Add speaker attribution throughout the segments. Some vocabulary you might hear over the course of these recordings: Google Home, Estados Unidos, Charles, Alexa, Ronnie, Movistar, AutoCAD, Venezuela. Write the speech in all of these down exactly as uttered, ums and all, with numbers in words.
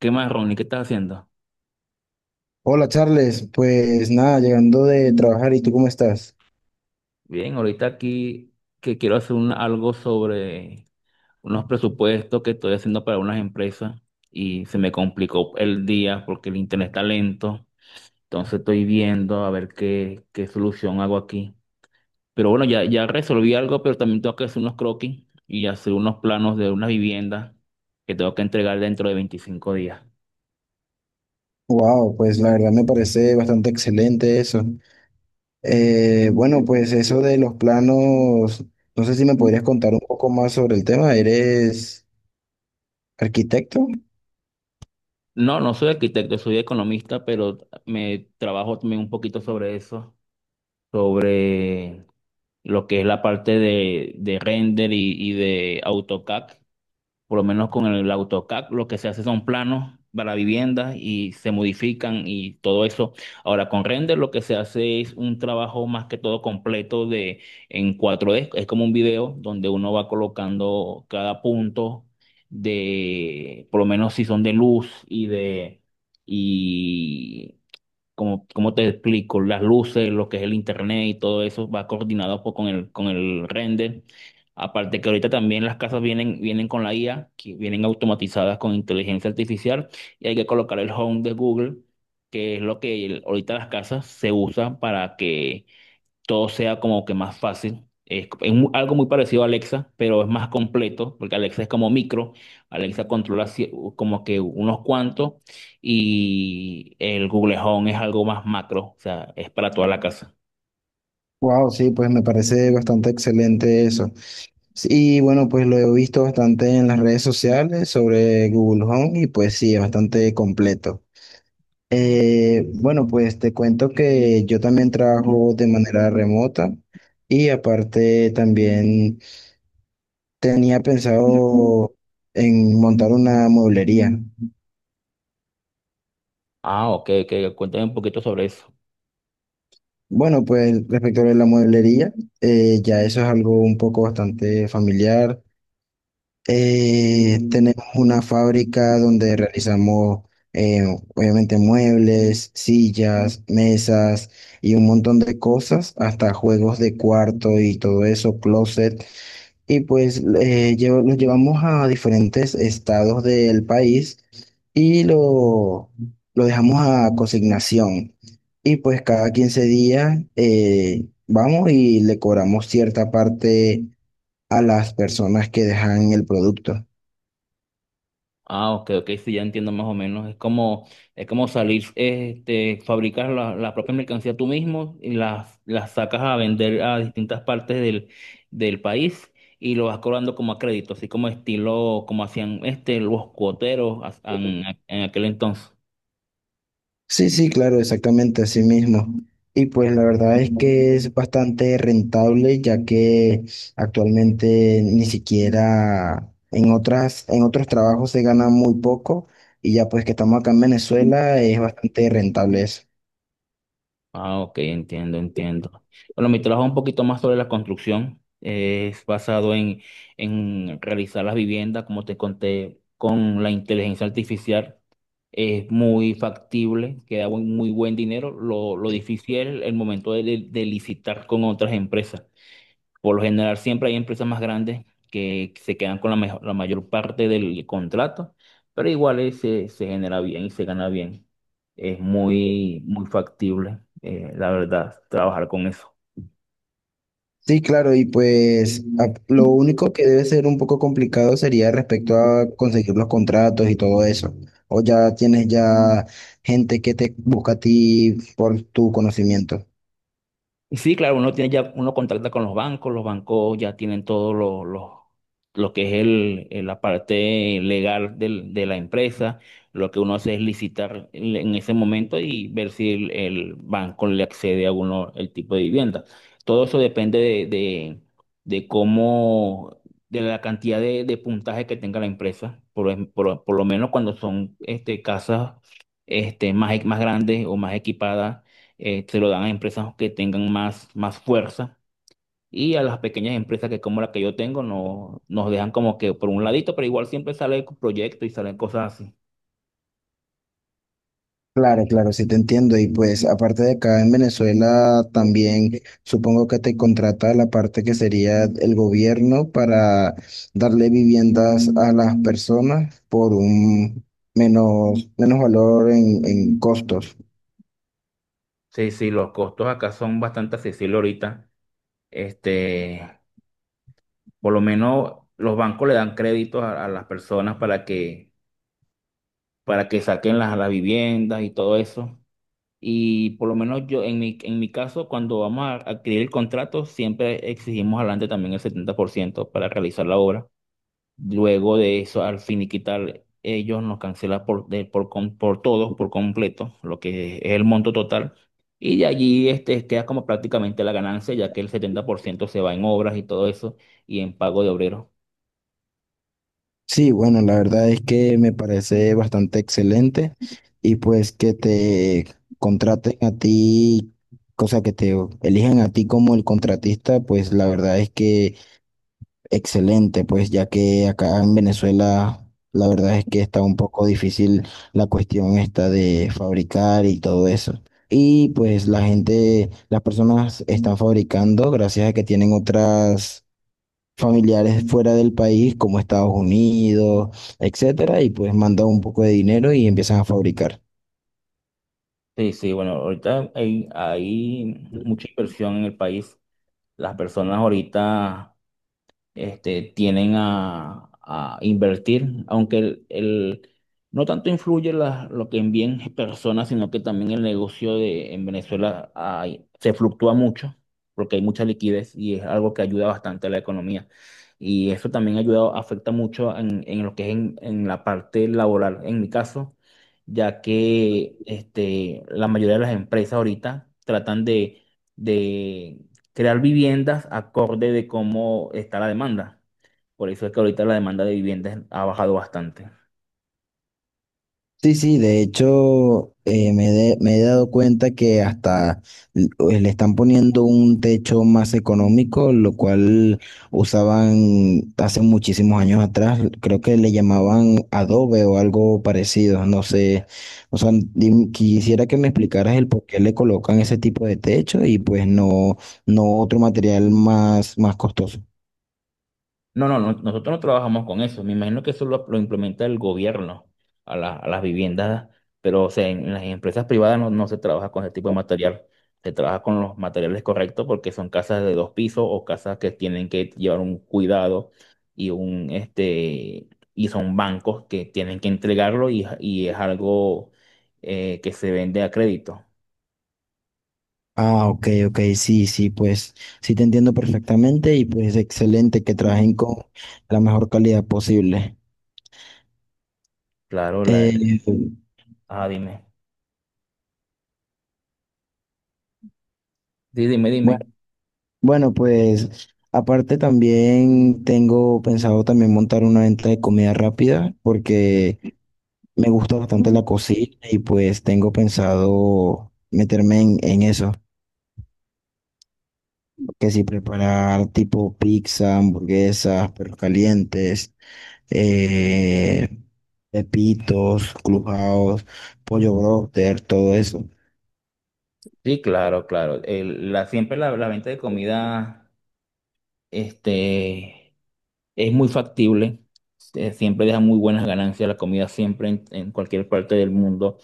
Speaker 1: ¿Qué más, Ronnie? ¿Qué estás haciendo?
Speaker 2: Hola Charles, pues nada, llegando de trabajar, ¿y tú cómo estás?
Speaker 1: Bien, ahorita aquí que quiero hacer un- algo sobre unos presupuestos que estoy haciendo para unas empresas y se me complicó el día porque el internet está lento. Entonces estoy viendo a ver qué, qué solución hago aquí. Pero bueno, ya, ya resolví algo, pero también tengo que hacer unos croquis y hacer unos planos de una vivienda que tengo que entregar dentro de veinticinco días.
Speaker 2: Wow, pues la verdad me parece bastante excelente eso. Eh, bueno, pues eso de los planos, no sé si me podrías contar un poco más sobre el tema. ¿Eres arquitecto?
Speaker 1: No, no soy arquitecto, soy economista, pero me trabajo también un poquito sobre eso, sobre lo que es la parte de, de render y, y de AutoCAD. Por lo menos con el AutoCAD lo que se hace son planos para viviendas y se modifican y todo eso. Ahora con render lo que se hace es un trabajo más que todo completo de en cuatro d es como un video donde uno va colocando cada punto de, por lo menos si son de luz y de y como, como te explico, las luces, lo que es el internet y todo eso va coordinado pues, con el, con el render. Aparte que ahorita también las casas vienen, vienen con la I A, que vienen automatizadas con inteligencia artificial y hay que colocar el Home de Google, que es lo que el- ahorita las casas se usan para que todo sea como que más fácil. Es, es mu- algo muy parecido a Alexa, pero es más completo, porque Alexa es como micro. Alexa controla cie- como que unos cuantos y el Google Home es algo más macro, o sea, es para toda la casa.
Speaker 2: Wow, sí, pues me parece bastante excelente eso. Sí, y bueno, pues lo he visto bastante en las redes sociales sobre Google Home y pues sí, es bastante completo. Eh, bueno, pues te cuento que yo también trabajo de manera remota y aparte también tenía pensado en montar una mueblería.
Speaker 1: Ah, ok, ok, cuéntame un poquito sobre eso.
Speaker 2: Bueno, pues respecto a la mueblería, eh, ya eso es algo un poco bastante familiar. Eh, tenemos una fábrica donde realizamos, eh, obviamente, muebles, sillas, mesas y un montón de cosas, hasta juegos de cuarto y todo eso, closet. Y pues eh, llevo- los llevamos a diferentes estados del país y lo, lo dejamos a consignación. Y pues cada quince días eh, vamos y le cobramos cierta parte a las personas que dejan el producto.
Speaker 1: Ah, ok, ok, sí, ya entiendo más o menos. Es como, es como salir, este, fabricar la, la propia mercancía tú mismo y las, las sacas a vender a distintas partes del, del país y lo vas cobrando como a crédito, así como estilo, como hacían este, los cuoteros a- en en aquel entonces.
Speaker 2: Sí, sí, claro, exactamente así mismo. Y pues la verdad es que es bastante rentable, ya que actualmente ni siquiera en otras, en otros trabajos se gana muy poco, y ya pues que estamos acá en Venezuela es bastante rentable eso.
Speaker 1: Ah, ok, entiendo, entiendo. Bueno, mi trabajo es un poquito más sobre la construcción. eh, Es basado en, en realizar las viviendas, como te conté, con la inteligencia artificial. Es muy factible, queda buen- muy buen dinero. Lo, lo difícil es el momento de, de- de licitar con otras empresas. Por lo general, siempre hay empresas más grandes que se quedan con la, mejo- la mayor parte del contrato, pero igual eh, se, se genera bien y se gana bien. Es muy, muy factible, eh, la verdad, trabajar con eso.
Speaker 2: Sí, claro, y pues a- lo único que debe ser un poco complicado sería respecto a conseguir los contratos y todo eso. O ya tienes ya gente que te busca a ti por tu conocimiento.
Speaker 1: Y sí, claro, uno tiene ya, uno contacta con los bancos, los bancos ya tienen todo lo, lo, lo que es el, el- la parte legal del- de la empresa. Lo que uno hace es licitar en en ese momento y ver si el, el banco le accede a uno el tipo de vivienda. Todo eso depende de, de, de cómo, de la cantidad de, de puntaje que tenga la empresa. Por, em- por, por lo menos cuando son este, casas este, más, más grandes o más equipadas eh, se lo dan a empresas que tengan más, más fuerza y a las pequeñas empresas que como la que yo tengo no, nos dejan como que por un ladito, pero igual siempre sale proyectos y salen cosas así.
Speaker 2: Claro, claro, sí te entiendo. Y pues aparte de acá en Venezuela, también supongo que te contrata la parte que sería el gobierno para darle viviendas a las personas por un menos, menos valor en, en costos.
Speaker 1: Sí, sí, los costos acá son bastante accesibles ahorita. Este, por lo menos los bancos le dan créditos a, a las personas para que, para que saquen las, las viviendas y todo eso. Y por lo menos yo, en mi, en mi caso, cuando vamos a adquirir el contrato, siempre exigimos adelante también el setenta por ciento para realizar la obra. Luego de eso, al finiquitar, ellos nos cancelan por, de- por, com- por todo, por completo, lo que es el monto total. Y de allí este, queda como prácticamente la ganancia, ya que el setenta por ciento se va en obras y todo eso, y en pago de obreros.
Speaker 2: Sí, bueno, la verdad es que me parece bastante excelente y pues que te contraten a ti, cosa que te elijan a ti como el contratista, pues la verdad es que... Excelente, pues ya que acá en Venezuela la verdad es que está un poco difícil la cuestión esta de fabricar y todo eso. Y pues la gente, las personas están fabricando gracias a que tienen otras familiares fuera del país como Estados Unidos, etcétera, y pues mandan un poco de dinero y empiezan a fabricar.
Speaker 1: Sí, sí, bueno, ahorita hay, hay mucha inversión en el país. Las personas ahorita este, tienen a, a invertir, aunque el, el- no tanto influye la- lo que envíen personas, sino que también el negocio de, en Venezuela hay- se fluctúa mucho, porque hay mucha liquidez y es algo que ayuda bastante a la economía. Y eso también ayuda, afecta mucho en, en lo que es en, en la parte laboral, en mi caso, ya que este, la mayoría de las empresas ahorita tratan de, crear viviendas acorde de cómo está la demanda. Por eso es que ahorita la demanda de viviendas ha bajado bastante.
Speaker 2: Sí, sí, de hecho eh, me, de- me he dado cuenta que hasta l- eh, le están poniendo un techo más económico, lo cual usaban hace muchísimos años atrás, creo que le llamaban adobe o algo parecido, no sé, o sea, dim- quisiera que me explicaras el por qué le colocan ese tipo de techo y pues no, no otro material más, más costoso.
Speaker 1: No, no, no, nosotros no trabajamos con eso. Me imagino que eso lo, lo implementa el gobierno a, la- a las viviendas, pero o sea, en, en las empresas privadas no, no se trabaja con ese tipo de material. Se trabaja con los materiales correctos porque son casas de dos pisos o casas que tienen que llevar un cuidado y un este y son bancos que tienen que entregarlo y, y es algo eh, que se vende a crédito.
Speaker 2: Ah, ok, ok, sí, sí, pues sí te entiendo perfectamente y pues excelente que trabajen con la mejor calidad posible.
Speaker 1: Claro, la...
Speaker 2: Eh,
Speaker 1: Ah, dime. di, dime,
Speaker 2: bueno,
Speaker 1: dime.
Speaker 2: bueno, pues aparte también tengo pensado también montar una venta de comida rápida porque me gusta bastante la cocina y pues tengo pensado meterme en, en eso, que si preparar tipo pizza, hamburguesas, perros calientes. eh, Pepitos, Clubhouse, Pollo Broster, todo eso.
Speaker 1: Sí, claro, claro. El- la, siempre la, la venta de comida este, es muy factible. Eh, Siempre deja muy buenas ganancias. La comida siempre en, en cualquier parte del mundo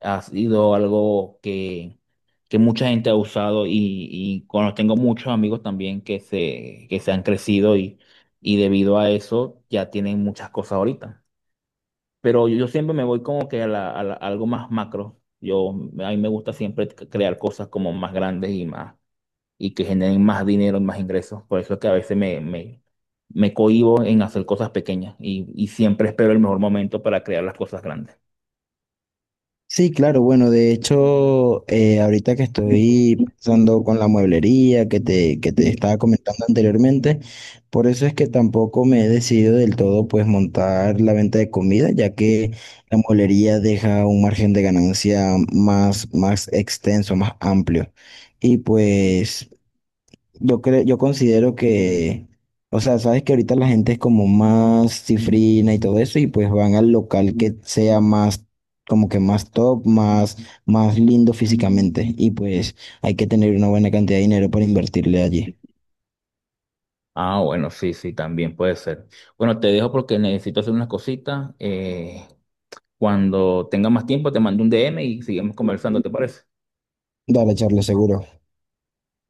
Speaker 1: ha sido algo que, que mucha gente ha usado y, y cuando tengo muchos amigos también que se, que se han crecido y, y debido a eso ya tienen muchas cosas ahorita. Pero yo siempre me voy como que a, la- a la- a algo más macro. Yo, a mí me gusta siempre c- crear cosas como más grandes y más, y que generen más dinero y más ingresos. Por eso es que a veces me, me, me cohíbo en hacer cosas pequeñas y, y siempre espero el mejor momento para crear las cosas grandes.
Speaker 2: Sí, claro, bueno, de hecho, eh, ahorita que estoy pensando con la mueblería que te, que te estaba comentando anteriormente, por eso es que tampoco me he decidido del todo pues montar la venta de comida, ya que la mueblería deja un margen de ganancia más, más extenso, más amplio. Y pues yo creo, yo considero que, o sea, sabes que ahorita la gente es como más cifrina y todo eso, y pues van al local que sea más, como que más top, más, más lindo físicamente, y pues hay que tener una buena cantidad de dinero para invertirle allí.
Speaker 1: Ah, bueno, sí, sí, también puede ser. Bueno, te dejo porque necesito hacer unas cositas. Eh, cuando tenga más tiempo, te mando un D M y seguimos conversando, ¿te parece?
Speaker 2: Dale, Charles, seguro.